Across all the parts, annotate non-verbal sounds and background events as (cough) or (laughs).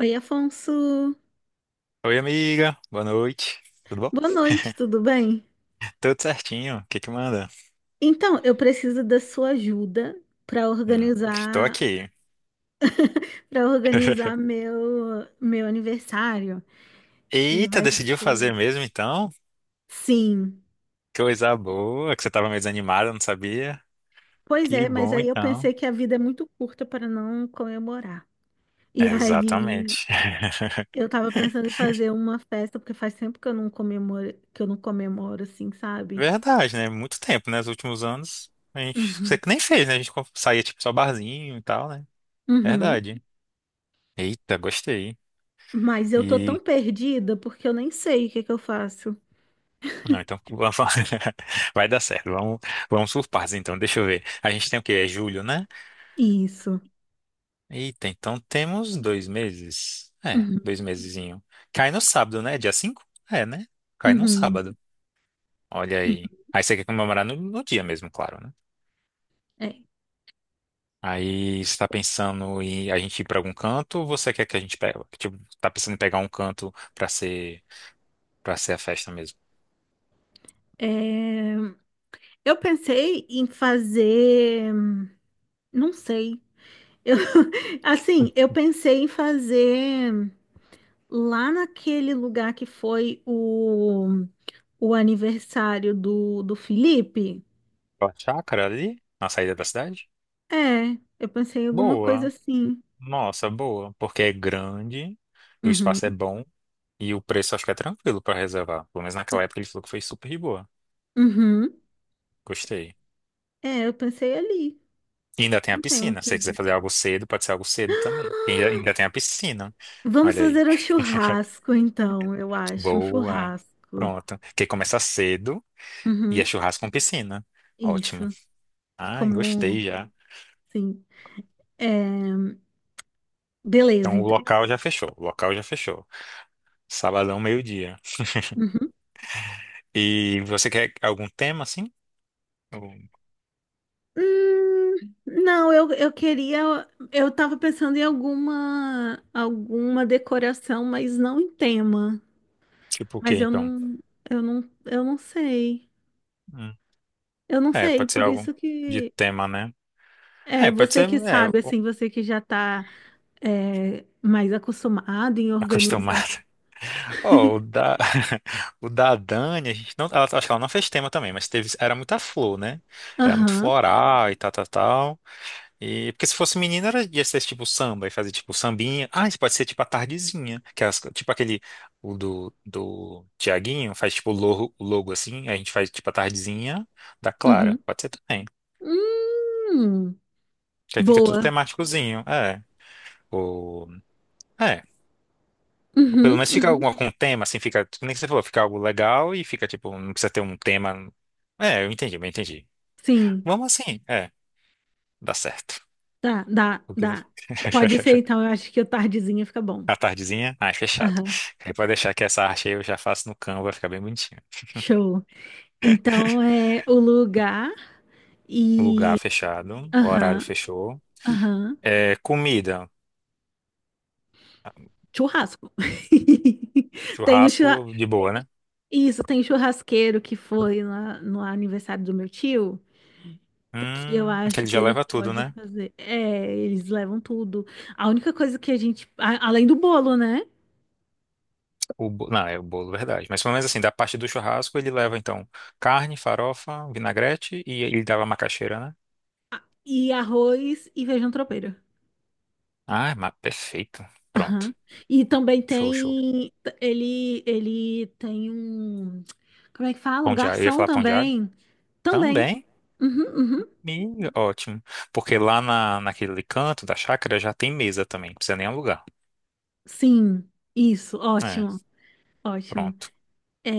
Oi, Afonso. Oi, amiga. Boa noite. Tudo bom? Boa noite, tudo bem? Tudo certinho. O que que manda? Então, eu preciso da sua ajuda para Estou organizar, aqui. para organizar (laughs) meu aniversário, que Eita, vai decidiu fazer ser. mesmo então? Sim. Coisa boa, que você estava meio desanimada, não sabia? Pois Que é, mas bom aí eu então. pensei que a vida é muito curta para não comemorar. E aí Exatamente. (laughs) eu tava pensando em fazer uma festa, porque faz tempo que eu não comemoro, que eu não comemoro assim, sabe? Verdade, né? Muito tempo, né? Nos últimos anos, a gente, você Uhum. que nem fez, né? A gente saía tipo só barzinho e tal, né? Uhum. Verdade. Eita, gostei. Mas eu tô tão E perdida porque eu nem sei o que que eu faço. não, então (laughs) vai dar certo. Vamos por partes então. Deixa eu ver. A gente tem o quê? É julho, né? Isso. Eita, então temos 2 meses. É, Uhum. 2 mesezinho. Cai no sábado, né? Dia 5, é, né? Cai no Uhum, sábado. Olha uhum. aí. Aí você quer comemorar no dia mesmo, claro, né? É, Aí você tá pensando em a gente ir pra algum canto ou você quer que a gente pegue? Tipo, tá pensando em pegar um canto pra ser a festa mesmo? é, eu pensei em fazer, não sei, eu, (laughs) assim, eu pensei em fazer lá naquele lugar que foi o aniversário do Felipe. A chácara ali, na saída da cidade? É, eu pensei em alguma coisa Boa. assim. Nossa, boa. Porque é grande, o Uhum, espaço é bom e o preço acho que é tranquilo pra reservar. Pelo menos naquela época ele falou que foi super de boa. uhum. Gostei. É, eu pensei ali, E ainda tem a não tenho piscina. Se muita você quiser ideia. fazer algo cedo, pode ser algo cedo também. E ainda tem a piscina. Vamos Olha aí. fazer um churrasco, então, eu acho, um Boa. churrasco. Pronto. Quer começar cedo e é Uhum, churrasco com piscina. Ótimo. isso. E Ai, como gostei já. sim. É, beleza, Então o então. local já fechou. O local já fechou. Sabadão, meio-dia. (laughs) Uhum. E você quer algum tema assim? Ou, Hum, não, eu queria. Eu tava pensando em alguma decoração, mas não em tema. tipo o quê, Mas eu então? não, eu não sei. Hum. Eu não É, sei, pode ser por algo isso de que tema, né? é É, pode você ser que é, sabe, assim, você que já tá é, mais acostumado em organizar. acostumado. Ó, o da, (laughs) o da Dani, a gente não, acho que ela não fez tema também, mas teve, era muita flor, né? Era muito Aham, floral e tal, tal, tal. E, porque se fosse menina, era, ia ser tipo samba, e fazer tipo sambinha. Ah, isso pode ser tipo a tardezinha, que é tipo aquele, o do Tiaguinho, faz tipo o logo assim, a gente faz tipo a tardezinha da uhum. Clara. Pode ser também. Hum, Que aí fica tudo boa. temáticozinho, é. O, é. Pelo Uhum, menos fica uhum. alguma com tema, assim, fica, nem que você falou, fica algo legal e fica, tipo, não precisa ter um tema. É, eu entendi, eu entendi. Sim. Vamos assim, é, dá certo. Tá, dá, O que- dá. você- Pode ser, então, (laughs) eu acho que o tardezinha fica bom. A tardezinha? Ah, é fechado. Aham, Aí pode deixar que essa arte aí eu já faço no Canva, vai ficar bem bonitinho. show. Então é o lugar Lugar e. fechado, horário Aham, fechou. aham. É, comida, Churrasco. (laughs) Tem o churra... churrasco de boa, né? Isso, tem churrasqueiro que foi lá no aniversário do meu tio, que eu Que acho ele que já ele leva tudo, pode né? fazer. É, eles levam tudo. A única coisa que a gente. A- Além do bolo, né? Não, é o bolo, verdade. Mas pelo menos assim, da parte do churrasco, ele leva então carne, farofa, vinagrete e ele dava macaxeira, né? E arroz e feijão tropeiro. Ah, mas perfeito. Pronto. Aham. E também Show, show. tem ele tem um como é que fala? Um Pão de alho. Eu ia garçom falar pão de alho? também. Também. Também. Uhum, uhum. Ih, ótimo. Porque lá naquele canto da chácara já tem mesa também. Não precisa nem alugar. Sim, isso, É, ótimo, ótimo. pronto.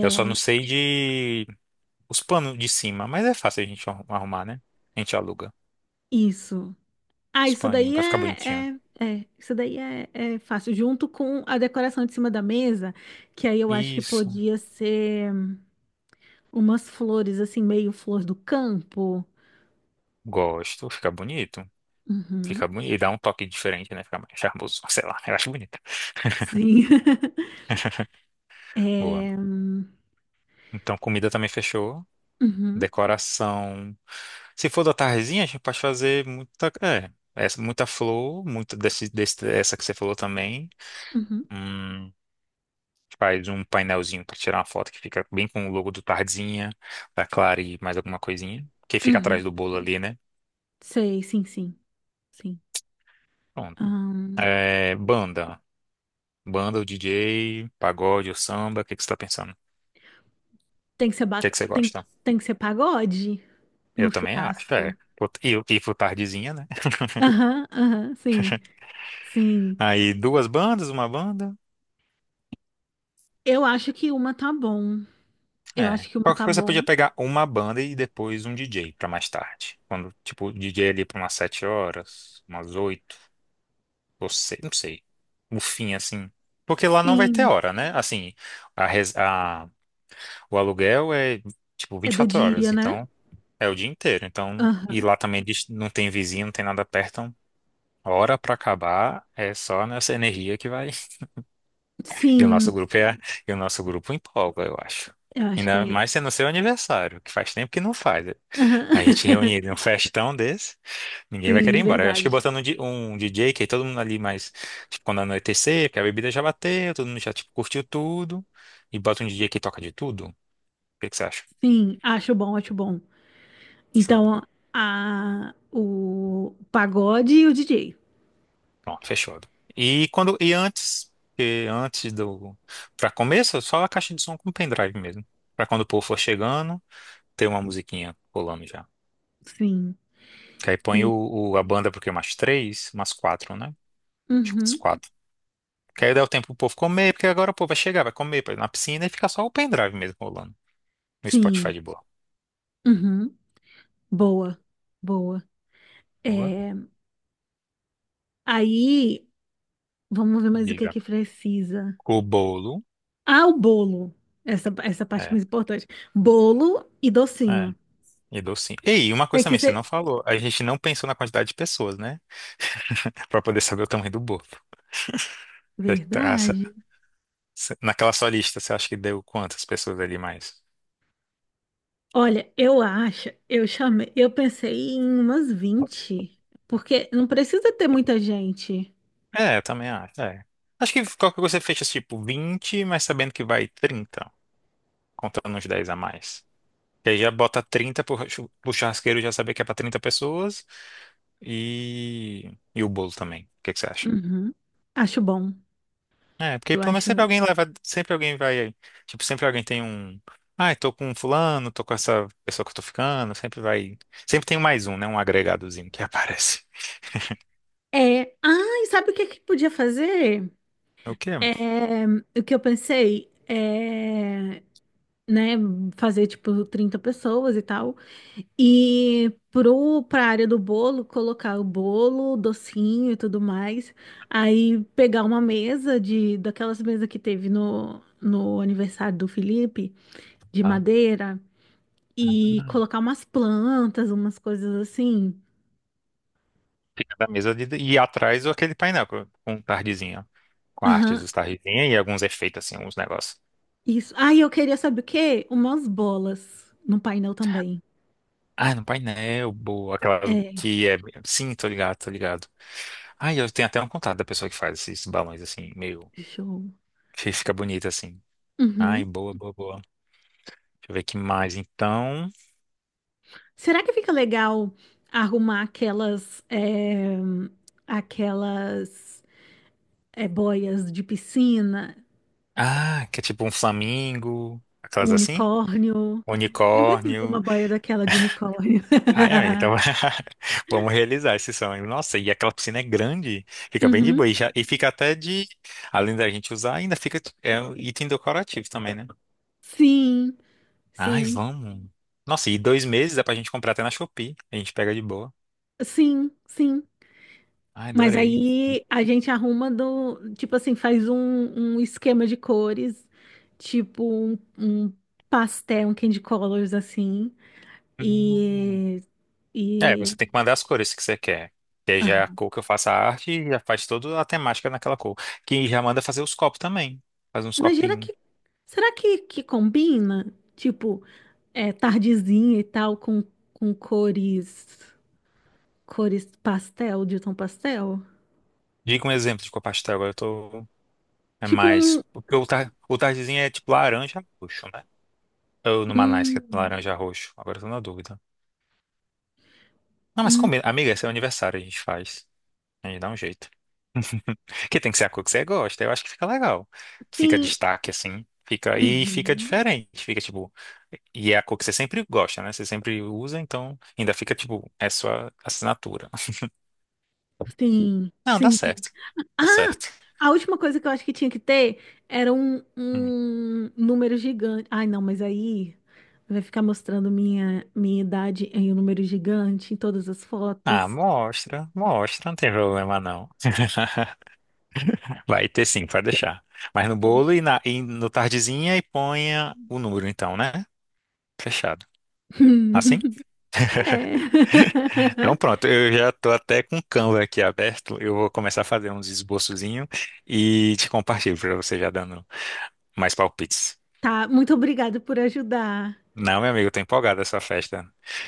Eu só não sei de os panos de cima, mas é fácil a gente arrumar, né? A gente aluga isso. Ah, os paninhos pra ficar bonitinho. Isso daí é, é fácil, junto com a decoração de cima da mesa, que aí eu acho que Isso. podia ser umas flores assim, meio flor do campo. Gosto. Fica bonito. Uhum, Fica bonito. E dá um toque diferente, né? Fica mais charmoso. (laughs) Sei lá. Eu acho bonito. sim. (laughs) Boa. É, Então, comida também fechou. uhum, Decoração. Se for da tardezinha, a gente pode fazer muita, é, essa, muita flor, muita desse, essa que você falou também. uhum. Hum, faz um painelzinho para tirar uma foto que fica bem com o logo do Tardezinha, da Clara e mais alguma coisinha. Que fica Uhum. atrás do bolo ali, né? Sei, sim, sim, sim. Pronto. Ahn, É, banda. Banda, o DJ, pagode ou samba, o que que você tá pensando? O tem que ser ba... que que você tem, gosta? tem que ser pagode no Eu também acho, é. churrasco. E pro Tardezinha, né? Aham, aham, sim, sim. Aí duas bandas, uma banda. Eu acho que uma tá bom. Eu É. acho que uma Qualquer tá coisa você podia bom. pegar uma banda e depois um DJ pra mais tarde. Quando, tipo, o DJ ali pra umas 7 horas, umas 8, ou sei, não sei. No fim, assim. Porque lá não vai ter Sim, hora, né? Assim, a, res- a- o aluguel é, tipo, é vinte e do quatro horas. dia, né? Então, é o dia inteiro. Então, e Aham. lá também não tem vizinho, não tem nada perto. Então, hora pra acabar é só nessa energia que vai. E o Sim, nosso grupo é, e o nosso grupo empolga, eu acho. eu acho que Ainda é. mais sendo seu aniversário, que faz tempo que não faz. A gente Aham. reunir (laughs) num festão desse, ninguém vai querer ir Sim, embora. Eu acho que verdade. botando um DJ, que aí todo mundo ali mais, tipo, quando anoitecer, porque a bebida já bateu, todo mundo já, tipo, curtiu tudo, e bota um DJ que toca de tudo. O que que você acha? Sim, acho bom, acho bom. Show. Então, a, o pagode e o DJ. Pronto, fechado. E quando, e antes, e antes do, pra começo, só a caixa de som com pendrive mesmo. Pra quando o povo for chegando, ter uma musiquinha rolando já. Sim. Que aí põe o, E, o- a banda, porque umas 3, umas 4, né? Acho que umas uhum, quatro. Que aí dá o tempo pro povo comer, porque agora o povo vai chegar, vai comer, vai na piscina e fica só o pendrive mesmo rolando. No Spotify sim. de boa. Uhum. Boa, boa. Boa. É, aí, vamos ver mais o que Diga. que precisa. O bolo. Ah, o bolo. Essa parte É. mais importante. Bolo e É. docinho. E docinho. E aí, uma Tem coisa que também, você não ser. falou. A gente não pensou na quantidade de pessoas, né? (laughs) Pra poder saber o tamanho do bolo. Você tá- essa- Verdade. você- Naquela sua lista, você acha que deu quantas pessoas ali mais? Olha, eu acho, eu chamei, eu pensei em umas 20 porque não precisa ter muita gente. É, eu também acho. É. Acho que qualquer coisa você fecha tipo 20 mas sabendo que vai 30 contando uns 10 a mais. Que aí já bota 30 pro churrasqueiro já saber que é pra 30 pessoas. E o bolo também. O que que você acha? Uhum. Acho bom. É, porque Eu pelo menos sempre acho. alguém leva, sempre alguém vai, tipo, sempre alguém tem um, ai, tô com fulano, tô com essa pessoa que eu tô ficando, sempre vai, sempre tem mais um, né, um agregadozinho que (laughs) aparece. É. Ah, e sabe o que que podia fazer? É o quê? É, o que eu pensei? É, né, fazer tipo 30 pessoas e tal. E pro pra área do bolo, colocar o bolo, docinho e tudo mais. Aí pegar uma mesa de daquelas mesas que teve no aniversário do Felipe, de Ah, madeira e ah. colocar umas plantas, umas coisas assim. Fica da mesa de, e atrás aquele painel com, tardezinha, com artes Aham. dos tardezinha e alguns efeitos, assim, uns negócios. Isso. Ah, e eu queria saber o quê? Umas bolas no painel também. Ah, no painel, boa. Aquelas É, que é. Sim, tô ligado, tô ligado. Ah, eu tenho até um contato da pessoa que faz esses balões assim, meio. show. (laughs) Que fica bonito assim. Ai, Uhum. boa, boa, boa. Deixa eu ver que mais. Então. Será que fica legal arrumar aquelas boias de piscina, Ah, que é tipo um flamingo. um Aquelas assim? unicórnio? Sempre quis Unicórnio. uma boia daquela de unicórnio. Ai, amém. Então, (laughs) (laughs) vamos realizar esse sonho. Nossa, e aquela piscina é grande. Fica bem de Uhum. boa. E fica até de. Além da gente usar, ainda fica. É um item decorativo também, né? Sim, Ai, sim, vamos. Nossa, e 2 meses dá pra gente comprar até na Shopee. A gente pega de boa. sim, sim. Ai, Mas adorei. E- aí a gente arruma do, tipo assim, um esquema de cores, um pastel, um candy colors assim, Hum. e, É, e você tem que mandar as cores que você quer. Que aí já é a (laughs) cor que eu faço a arte e já faz toda a temática naquela cor. Que já manda fazer os copos também. Faz uns Imagina copinhos. que. Será que combina? Tipo, é, tardezinha e tal, com cores. Cores pastel, de tom pastel? Diga um exemplo de cor pastel. Agora eu tô. É Tipo mais. um. Porque o tardezinho é tipo laranja roxo, né? Ou no Manais, que é um, laranja roxo. Agora eu tô na dúvida. Não, mas um combina. Amiga, esse é o aniversário, a gente faz. A gente dá um jeito. (laughs) Que tem que ser a cor que você gosta. Eu acho que fica legal. Fica sim. destaque, assim. Fica, e fica Uhum, diferente. Fica, tipo... E é a cor que você sempre gosta, né? Você sempre usa, então ainda fica, tipo, é sua assinatura. (laughs) sim. Não, dá Sim, sim. certo. Dá Ah! certo. A última coisa que eu acho que tinha que ter era Hum. um número gigante. Ai, não, mas aí vai ficar mostrando minha idade em um número gigante em todas as Ah, fotos. mostra. Mostra, não tem problema, não. (laughs) Vai ter sim, pode deixar. Mas no bolo Poxa. e no tardezinha e ponha o número, então, né? Fechado. Assim? (laughs) É. Então pronto, (laughs) eu já estou até com o Canva aqui aberto. Eu vou começar a fazer uns esboçozinhos e te compartilho para você já dando mais palpites. Tá, muito obrigada por ajudar. Não, meu amigo, eu tô empolgado essa festa.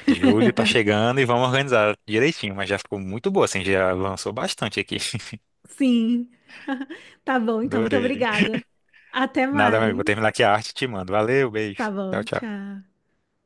Julho tá chegando e vamos organizar direitinho, mas já ficou muito boa, assim, já avançou bastante aqui. (laughs) Sim. (laughs) Tá bom, então, muito Adorei. obrigada. Até Nada, meu amigo, mais. vou terminar aqui a arte e te mando. Valeu, Tá beijo. Tchau, bom, tchau. tchau.